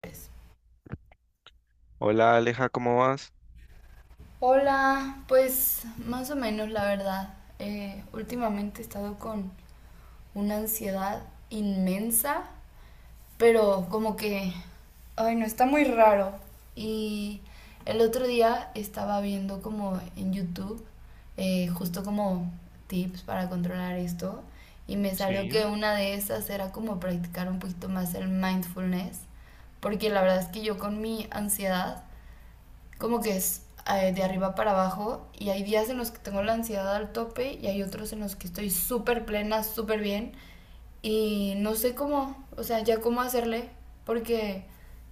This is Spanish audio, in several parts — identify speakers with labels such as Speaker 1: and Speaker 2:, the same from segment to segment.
Speaker 1: Pues,
Speaker 2: Hola Aleja, ¿cómo vas?
Speaker 1: hola, pues más o menos la verdad. Últimamente he estado con una ansiedad inmensa, pero como que, ay, no, está muy raro. Y el otro día estaba viendo como en YouTube, justo como tips para controlar esto, y me salió
Speaker 2: Sí.
Speaker 1: que una de esas era como practicar un poquito más el mindfulness, porque la verdad es que yo con mi ansiedad como que es de arriba para abajo, y hay días en los que tengo la ansiedad al tope y hay otros en los que estoy súper plena, súper bien, y no sé cómo, o sea, ya cómo hacerle, porque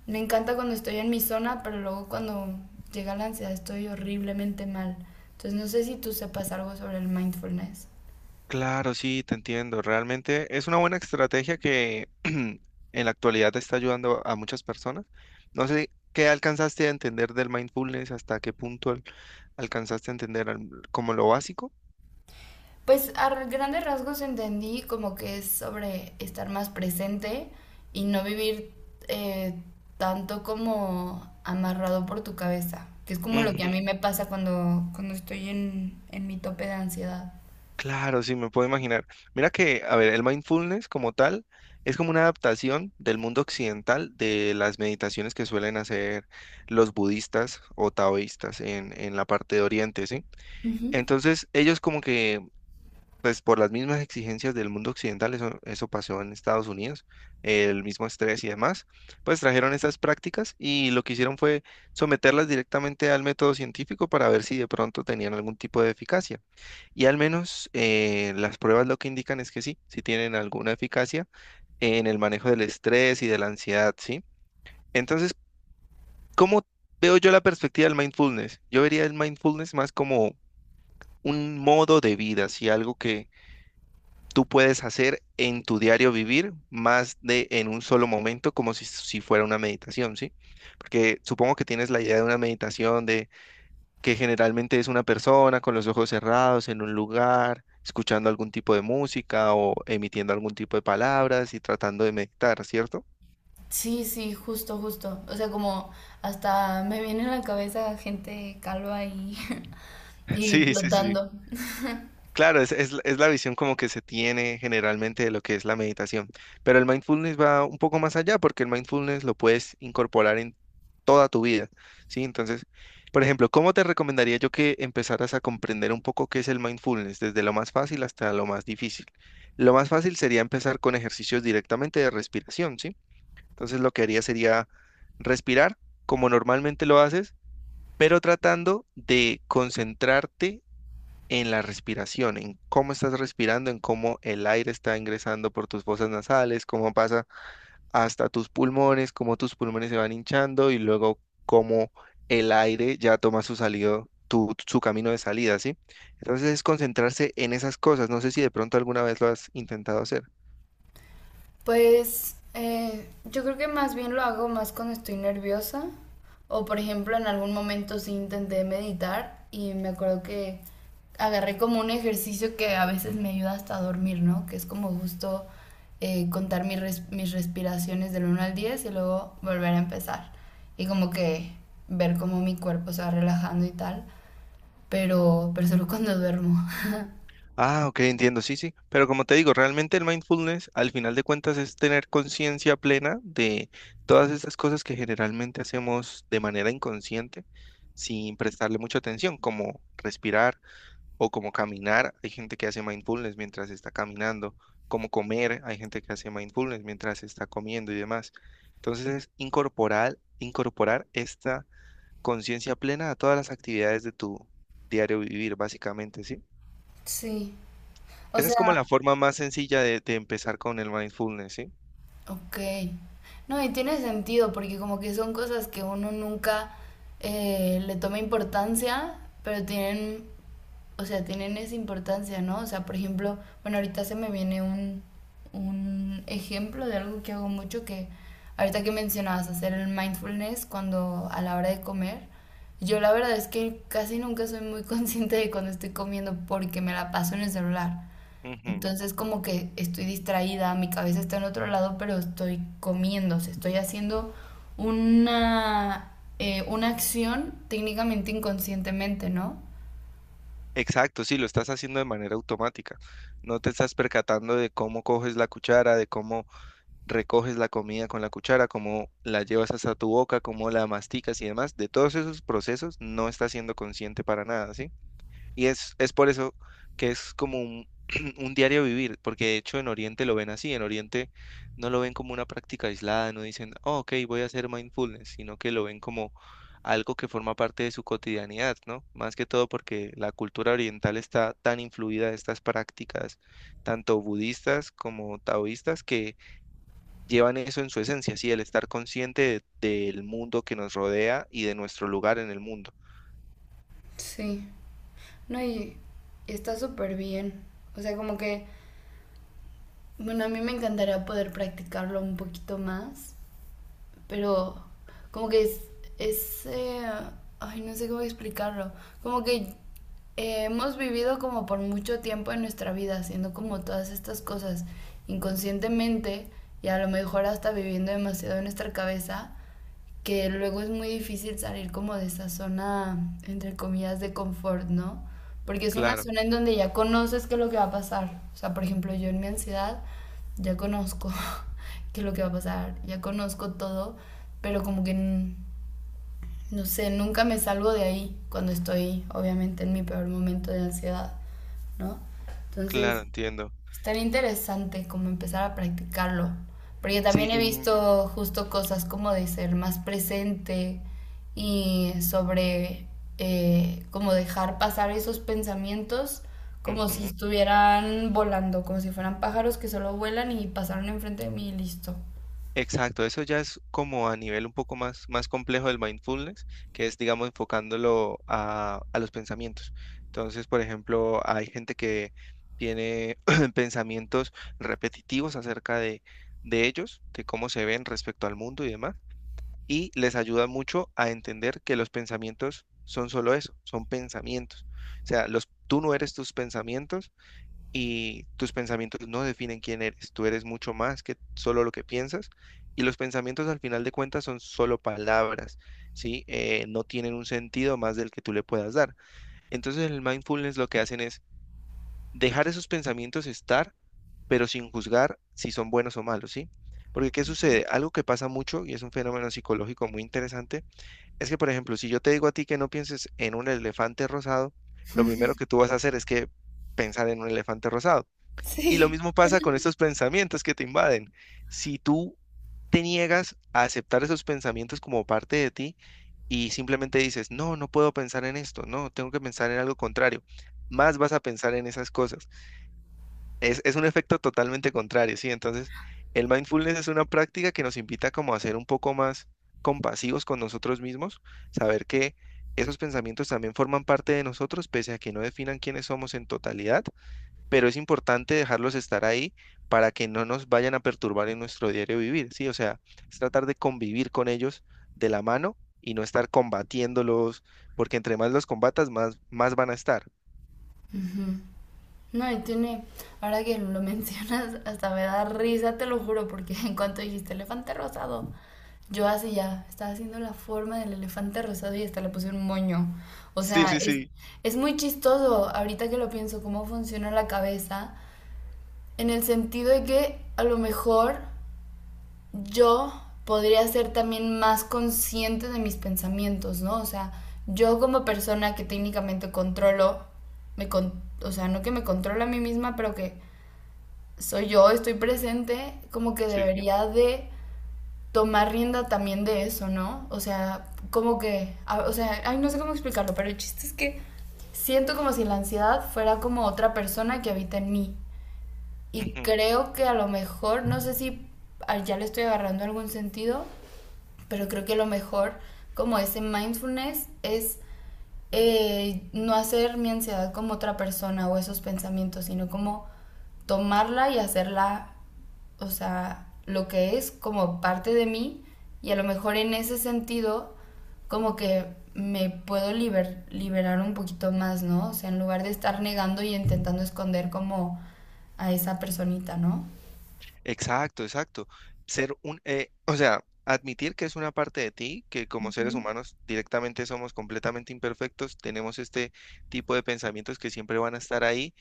Speaker 1: me encanta cuando estoy en mi zona, pero luego cuando llega la ansiedad estoy horriblemente mal. Entonces no sé si tú sepas algo sobre el mindfulness.
Speaker 2: Claro, sí, te entiendo. Realmente es una buena estrategia que en la actualidad te está ayudando a muchas personas. No sé qué alcanzaste a entender del mindfulness, hasta qué punto alcanzaste a entender como lo básico.
Speaker 1: Pues a grandes rasgos entendí como que es sobre estar más presente y no vivir, eh, tanto como amarrado por tu cabeza, que es como lo que a mí
Speaker 2: Ujú.
Speaker 1: me pasa cuando estoy en mi tope de ansiedad.
Speaker 2: Claro, sí, me puedo imaginar. Mira que, a ver, el mindfulness como tal es como una adaptación del mundo occidental de las meditaciones que suelen hacer los budistas o taoístas en la parte de Oriente, ¿sí?
Speaker 1: Ujú.
Speaker 2: Entonces, ellos como que, pues por las mismas exigencias del mundo occidental, eso pasó en Estados Unidos, el mismo estrés y demás, pues trajeron estas prácticas y lo que hicieron fue someterlas directamente al método científico para ver si de pronto tenían algún tipo de eficacia. Y al menos las pruebas lo que indican es que sí, sí tienen alguna eficacia en el manejo del estrés y de la ansiedad, ¿sí? Entonces, ¿cómo veo yo la perspectiva del mindfulness? Yo vería el mindfulness más como un modo de vida, ¿sí? Algo que tú puedes hacer en tu diario vivir, más de en un solo momento, como si, si fuera una meditación, ¿sí? Porque supongo que tienes la idea de una meditación, que generalmente es una persona con los ojos cerrados en un lugar, escuchando algún tipo de música o emitiendo algún tipo de palabras y tratando de meditar, ¿cierto?
Speaker 1: Sí, sí, justo, justo. O sea, como hasta me viene a la cabeza gente calva y, y
Speaker 2: Sí, sí, sí.
Speaker 1: flotando.
Speaker 2: Claro, es la visión como que se tiene generalmente de lo que es la meditación, pero el mindfulness va un poco más allá porque el mindfulness lo puedes incorporar en toda tu vida, ¿sí? Entonces, por ejemplo, ¿cómo te recomendaría yo que empezaras a comprender un poco qué es el mindfulness, desde lo más fácil hasta lo más difícil? Lo más fácil sería empezar con ejercicios directamente de respiración, ¿sí? Entonces, lo que haría sería respirar como normalmente lo haces, pero tratando de concentrarte en la respiración, en cómo estás respirando, en cómo el aire está ingresando por tus fosas nasales, cómo pasa hasta tus pulmones, cómo tus pulmones se van hinchando y luego cómo el aire ya toma su salido, su camino de salida, ¿sí? Entonces es concentrarse en esas cosas. No sé si de pronto alguna vez lo has intentado hacer.
Speaker 1: Pues yo creo que más bien lo hago más cuando estoy nerviosa, o por ejemplo en algún momento sí intenté meditar y me acuerdo que agarré como un ejercicio que a veces me ayuda hasta a dormir, ¿no? Que es como justo, contar mis respiraciones del uno al 10 y luego volver a empezar, y como que ver cómo mi cuerpo se va relajando y tal, pero solo cuando duermo.
Speaker 2: Ah, ok, entiendo, sí, sí. Pero como te digo, realmente el mindfulness, al final de cuentas, es tener conciencia plena de todas estas cosas que generalmente hacemos de manera inconsciente, sin prestarle mucha atención, como respirar o como caminar. Hay gente que hace mindfulness mientras está caminando, como comer. Hay gente que hace mindfulness mientras está comiendo y demás. Entonces, es incorporar, incorporar esta conciencia plena a todas las actividades de tu diario vivir, básicamente, ¿sí?
Speaker 1: Sí, o
Speaker 2: Esa es como la
Speaker 1: sea.
Speaker 2: forma más sencilla de empezar con el mindfulness, ¿sí?
Speaker 1: Ok. No, y tiene sentido porque como que son cosas que uno nunca, le toma importancia, pero tienen, o sea, tienen esa importancia, ¿no? O sea, por ejemplo, bueno, ahorita se me viene un ejemplo de algo que hago mucho, que ahorita que mencionabas hacer el mindfulness cuando a la hora de comer, yo la verdad es que casi nunca soy muy consciente de cuando estoy comiendo porque me la paso en el celular.
Speaker 2: Ujú.
Speaker 1: Entonces como que estoy distraída, mi cabeza está en otro lado, pero estoy comiendo, o sea, estoy haciendo una, una acción técnicamente inconscientemente, ¿no?
Speaker 2: Exacto, sí, lo estás haciendo de manera automática. No te estás percatando de cómo coges la cuchara, de cómo recoges la comida con la cuchara, cómo la llevas hasta tu boca, cómo la masticas y demás. De todos esos procesos no estás siendo consciente para nada, ¿sí? Y es por eso que es como un, un diario vivir, porque de hecho en Oriente lo ven así, en Oriente no lo ven como una práctica aislada, no dicen, oh, ok, voy a hacer mindfulness, sino que lo ven como algo que forma parte de su cotidianidad, ¿no? Más que todo porque la cultura oriental está tan influida de estas prácticas, tanto budistas como taoístas, que llevan eso en su esencia, sí, el estar consciente del mundo que nos rodea y de nuestro lugar en el mundo.
Speaker 1: Sí. No, y está súper bien. O sea, como que, bueno, a mí me encantaría poder practicarlo un poquito más, pero como que es, ay, no sé cómo explicarlo, como que, hemos vivido como por mucho tiempo en nuestra vida haciendo como todas estas cosas inconscientemente, y a lo mejor hasta viviendo demasiado en nuestra cabeza, que luego es muy difícil salir como de esa zona, entre comillas, de confort, ¿no? Porque es una
Speaker 2: Claro,
Speaker 1: zona en donde ya conoces qué es lo que va a pasar. O sea, por ejemplo, yo en mi ansiedad ya conozco qué es lo que va a pasar, ya conozco todo, pero como que, no sé, nunca me salgo de ahí cuando estoy, obviamente, en mi peor momento de ansiedad, ¿no?
Speaker 2: claro,
Speaker 1: Entonces,
Speaker 2: entiendo.
Speaker 1: estaría interesante como empezar a practicarlo, porque
Speaker 2: Sí.
Speaker 1: también he visto justo cosas como de ser más presente y sobre, como dejar pasar esos pensamientos como si
Speaker 2: Ujú.
Speaker 1: estuvieran volando, como si fueran pájaros que solo vuelan y pasaron enfrente de mí y listo.
Speaker 2: Exacto, eso ya es como a nivel un poco más, más complejo del mindfulness, que es, digamos, enfocándolo a los pensamientos. Entonces, por ejemplo, hay gente que tiene pensamientos repetitivos acerca de ellos, de cómo se ven respecto al mundo y demás, y les ayuda mucho a entender que los pensamientos son solo eso, son pensamientos. O sea, los, tú no eres tus pensamientos y tus pensamientos no definen quién eres. Tú eres mucho más que solo lo que piensas y los pensamientos al final de cuentas son solo palabras, ¿sí? No tienen un sentido más del que tú le puedas dar. Entonces el mindfulness lo que hacen es dejar esos pensamientos estar, pero sin juzgar si son buenos o malos, ¿sí? Porque ¿qué sucede? Algo que pasa mucho y es un fenómeno psicológico muy interesante, es que por ejemplo, si yo te digo a ti que no pienses en un elefante rosado, lo primero que tú vas a hacer es que pensar en un elefante rosado. Y lo
Speaker 1: Sí.
Speaker 2: mismo pasa con estos pensamientos que te invaden. Si tú te niegas a aceptar esos pensamientos como parte de ti y simplemente dices, no, no puedo pensar en esto, no, tengo que pensar en algo contrario, más vas a pensar en esas cosas. Es un efecto totalmente contrario, ¿sí? Entonces, el mindfulness es una práctica que nos invita como a ser un poco más compasivos con nosotros mismos, saber que esos pensamientos también forman parte de nosotros, pese a que no definan quiénes somos en totalidad, pero es importante dejarlos estar ahí para que no nos vayan a perturbar en nuestro diario vivir, ¿sí? O sea, es tratar de convivir con ellos de la mano y no estar combatiéndolos, porque entre más los combatas, más, más van a estar.
Speaker 1: No, y tiene, ahora que lo mencionas, hasta me da risa, te lo juro, porque en cuanto dijiste elefante rosado, yo así ya, estaba haciendo la forma del elefante rosado y hasta le puse un moño. O
Speaker 2: Sí,
Speaker 1: sea,
Speaker 2: sí, sí.
Speaker 1: es muy chistoso ahorita que lo pienso, cómo funciona la cabeza, en el sentido de que a lo mejor yo podría ser también más consciente de mis pensamientos, ¿no? O sea, yo como persona que técnicamente controlo, o sea, no que me controlo a mí misma, pero que soy yo, estoy presente, como que
Speaker 2: Sí.
Speaker 1: debería de tomar rienda también de eso, ¿no? O sea, como que, o sea, ay, no sé cómo explicarlo, pero el chiste es que siento como si la ansiedad fuera como otra persona que habita en mí. Y
Speaker 2: Ujú.
Speaker 1: creo que a lo mejor, no sé si, ah, ya le estoy agarrando algún sentido, pero creo que a lo mejor como ese mindfulness es, no hacer mi ansiedad como otra persona o esos pensamientos, sino como tomarla y hacerla, o sea, lo que es como parte de mí, y a lo mejor en ese sentido como que me puedo liberar un poquito más, ¿no? O sea, en lugar de estar negando y intentando esconder como a esa personita, ¿no?
Speaker 2: Exacto, exacto. Ser un, o sea, admitir que es una parte de ti, que como
Speaker 1: Ujú.
Speaker 2: seres humanos directamente somos completamente imperfectos, tenemos este tipo de pensamientos que siempre van a estar ahí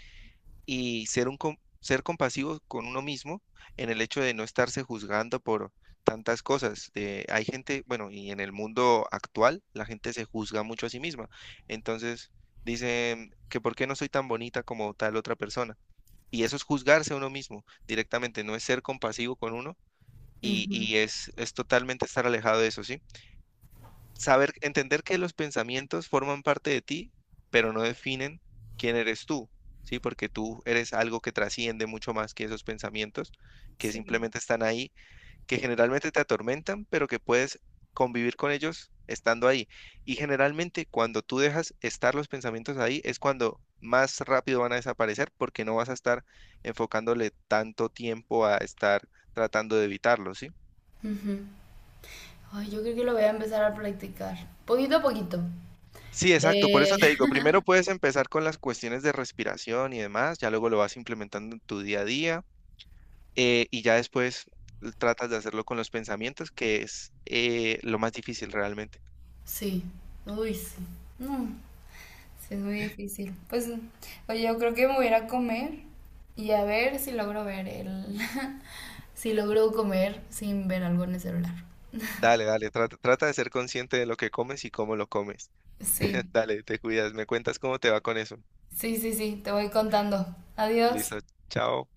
Speaker 2: y ser un ser compasivo con uno mismo en el hecho de no estarse juzgando por tantas cosas. De, hay gente, bueno, y en el mundo actual la gente se juzga mucho a sí misma. Entonces dicen que por qué no soy tan bonita como tal otra persona. Y eso es juzgarse a uno mismo directamente, no es ser compasivo con uno
Speaker 1: Ujú.
Speaker 2: y es totalmente estar alejado de eso, ¿sí? Saber, entender que los pensamientos forman parte de ti, pero no definen quién eres tú, ¿sí? Porque tú eres algo que trasciende mucho más que esos pensamientos, que
Speaker 1: Sí.
Speaker 2: simplemente están ahí, que generalmente te atormentan, pero que puedes convivir con ellos estando ahí. Y generalmente cuando tú dejas estar los pensamientos ahí es cuando más rápido van a desaparecer porque no vas a estar enfocándole tanto tiempo a estar tratando de evitarlos, ¿sí?
Speaker 1: Ay, yo creo que lo voy a empezar a practicar, poquito a poquito.
Speaker 2: Sí, exacto, por eso
Speaker 1: Eh,
Speaker 2: te digo, primero puedes empezar con las cuestiones de respiración y demás, ya luego lo vas implementando en tu día a día, y ya después tratas de hacerlo con los pensamientos, que es lo más difícil realmente.
Speaker 1: Sí, uy, sí. No, sí, es muy difícil. Pues, oye, yo creo que me voy a ir a comer y a ver si logro ver el... si logro comer sin ver algo en el celular.
Speaker 2: Dale, dale, trata, trata de ser consciente de lo que comes y cómo lo comes.
Speaker 1: Sí,
Speaker 2: Dale, te cuidas, me cuentas cómo te va con eso.
Speaker 1: sí, sí, sí, te voy contando. Adiós.
Speaker 2: Listo, chao.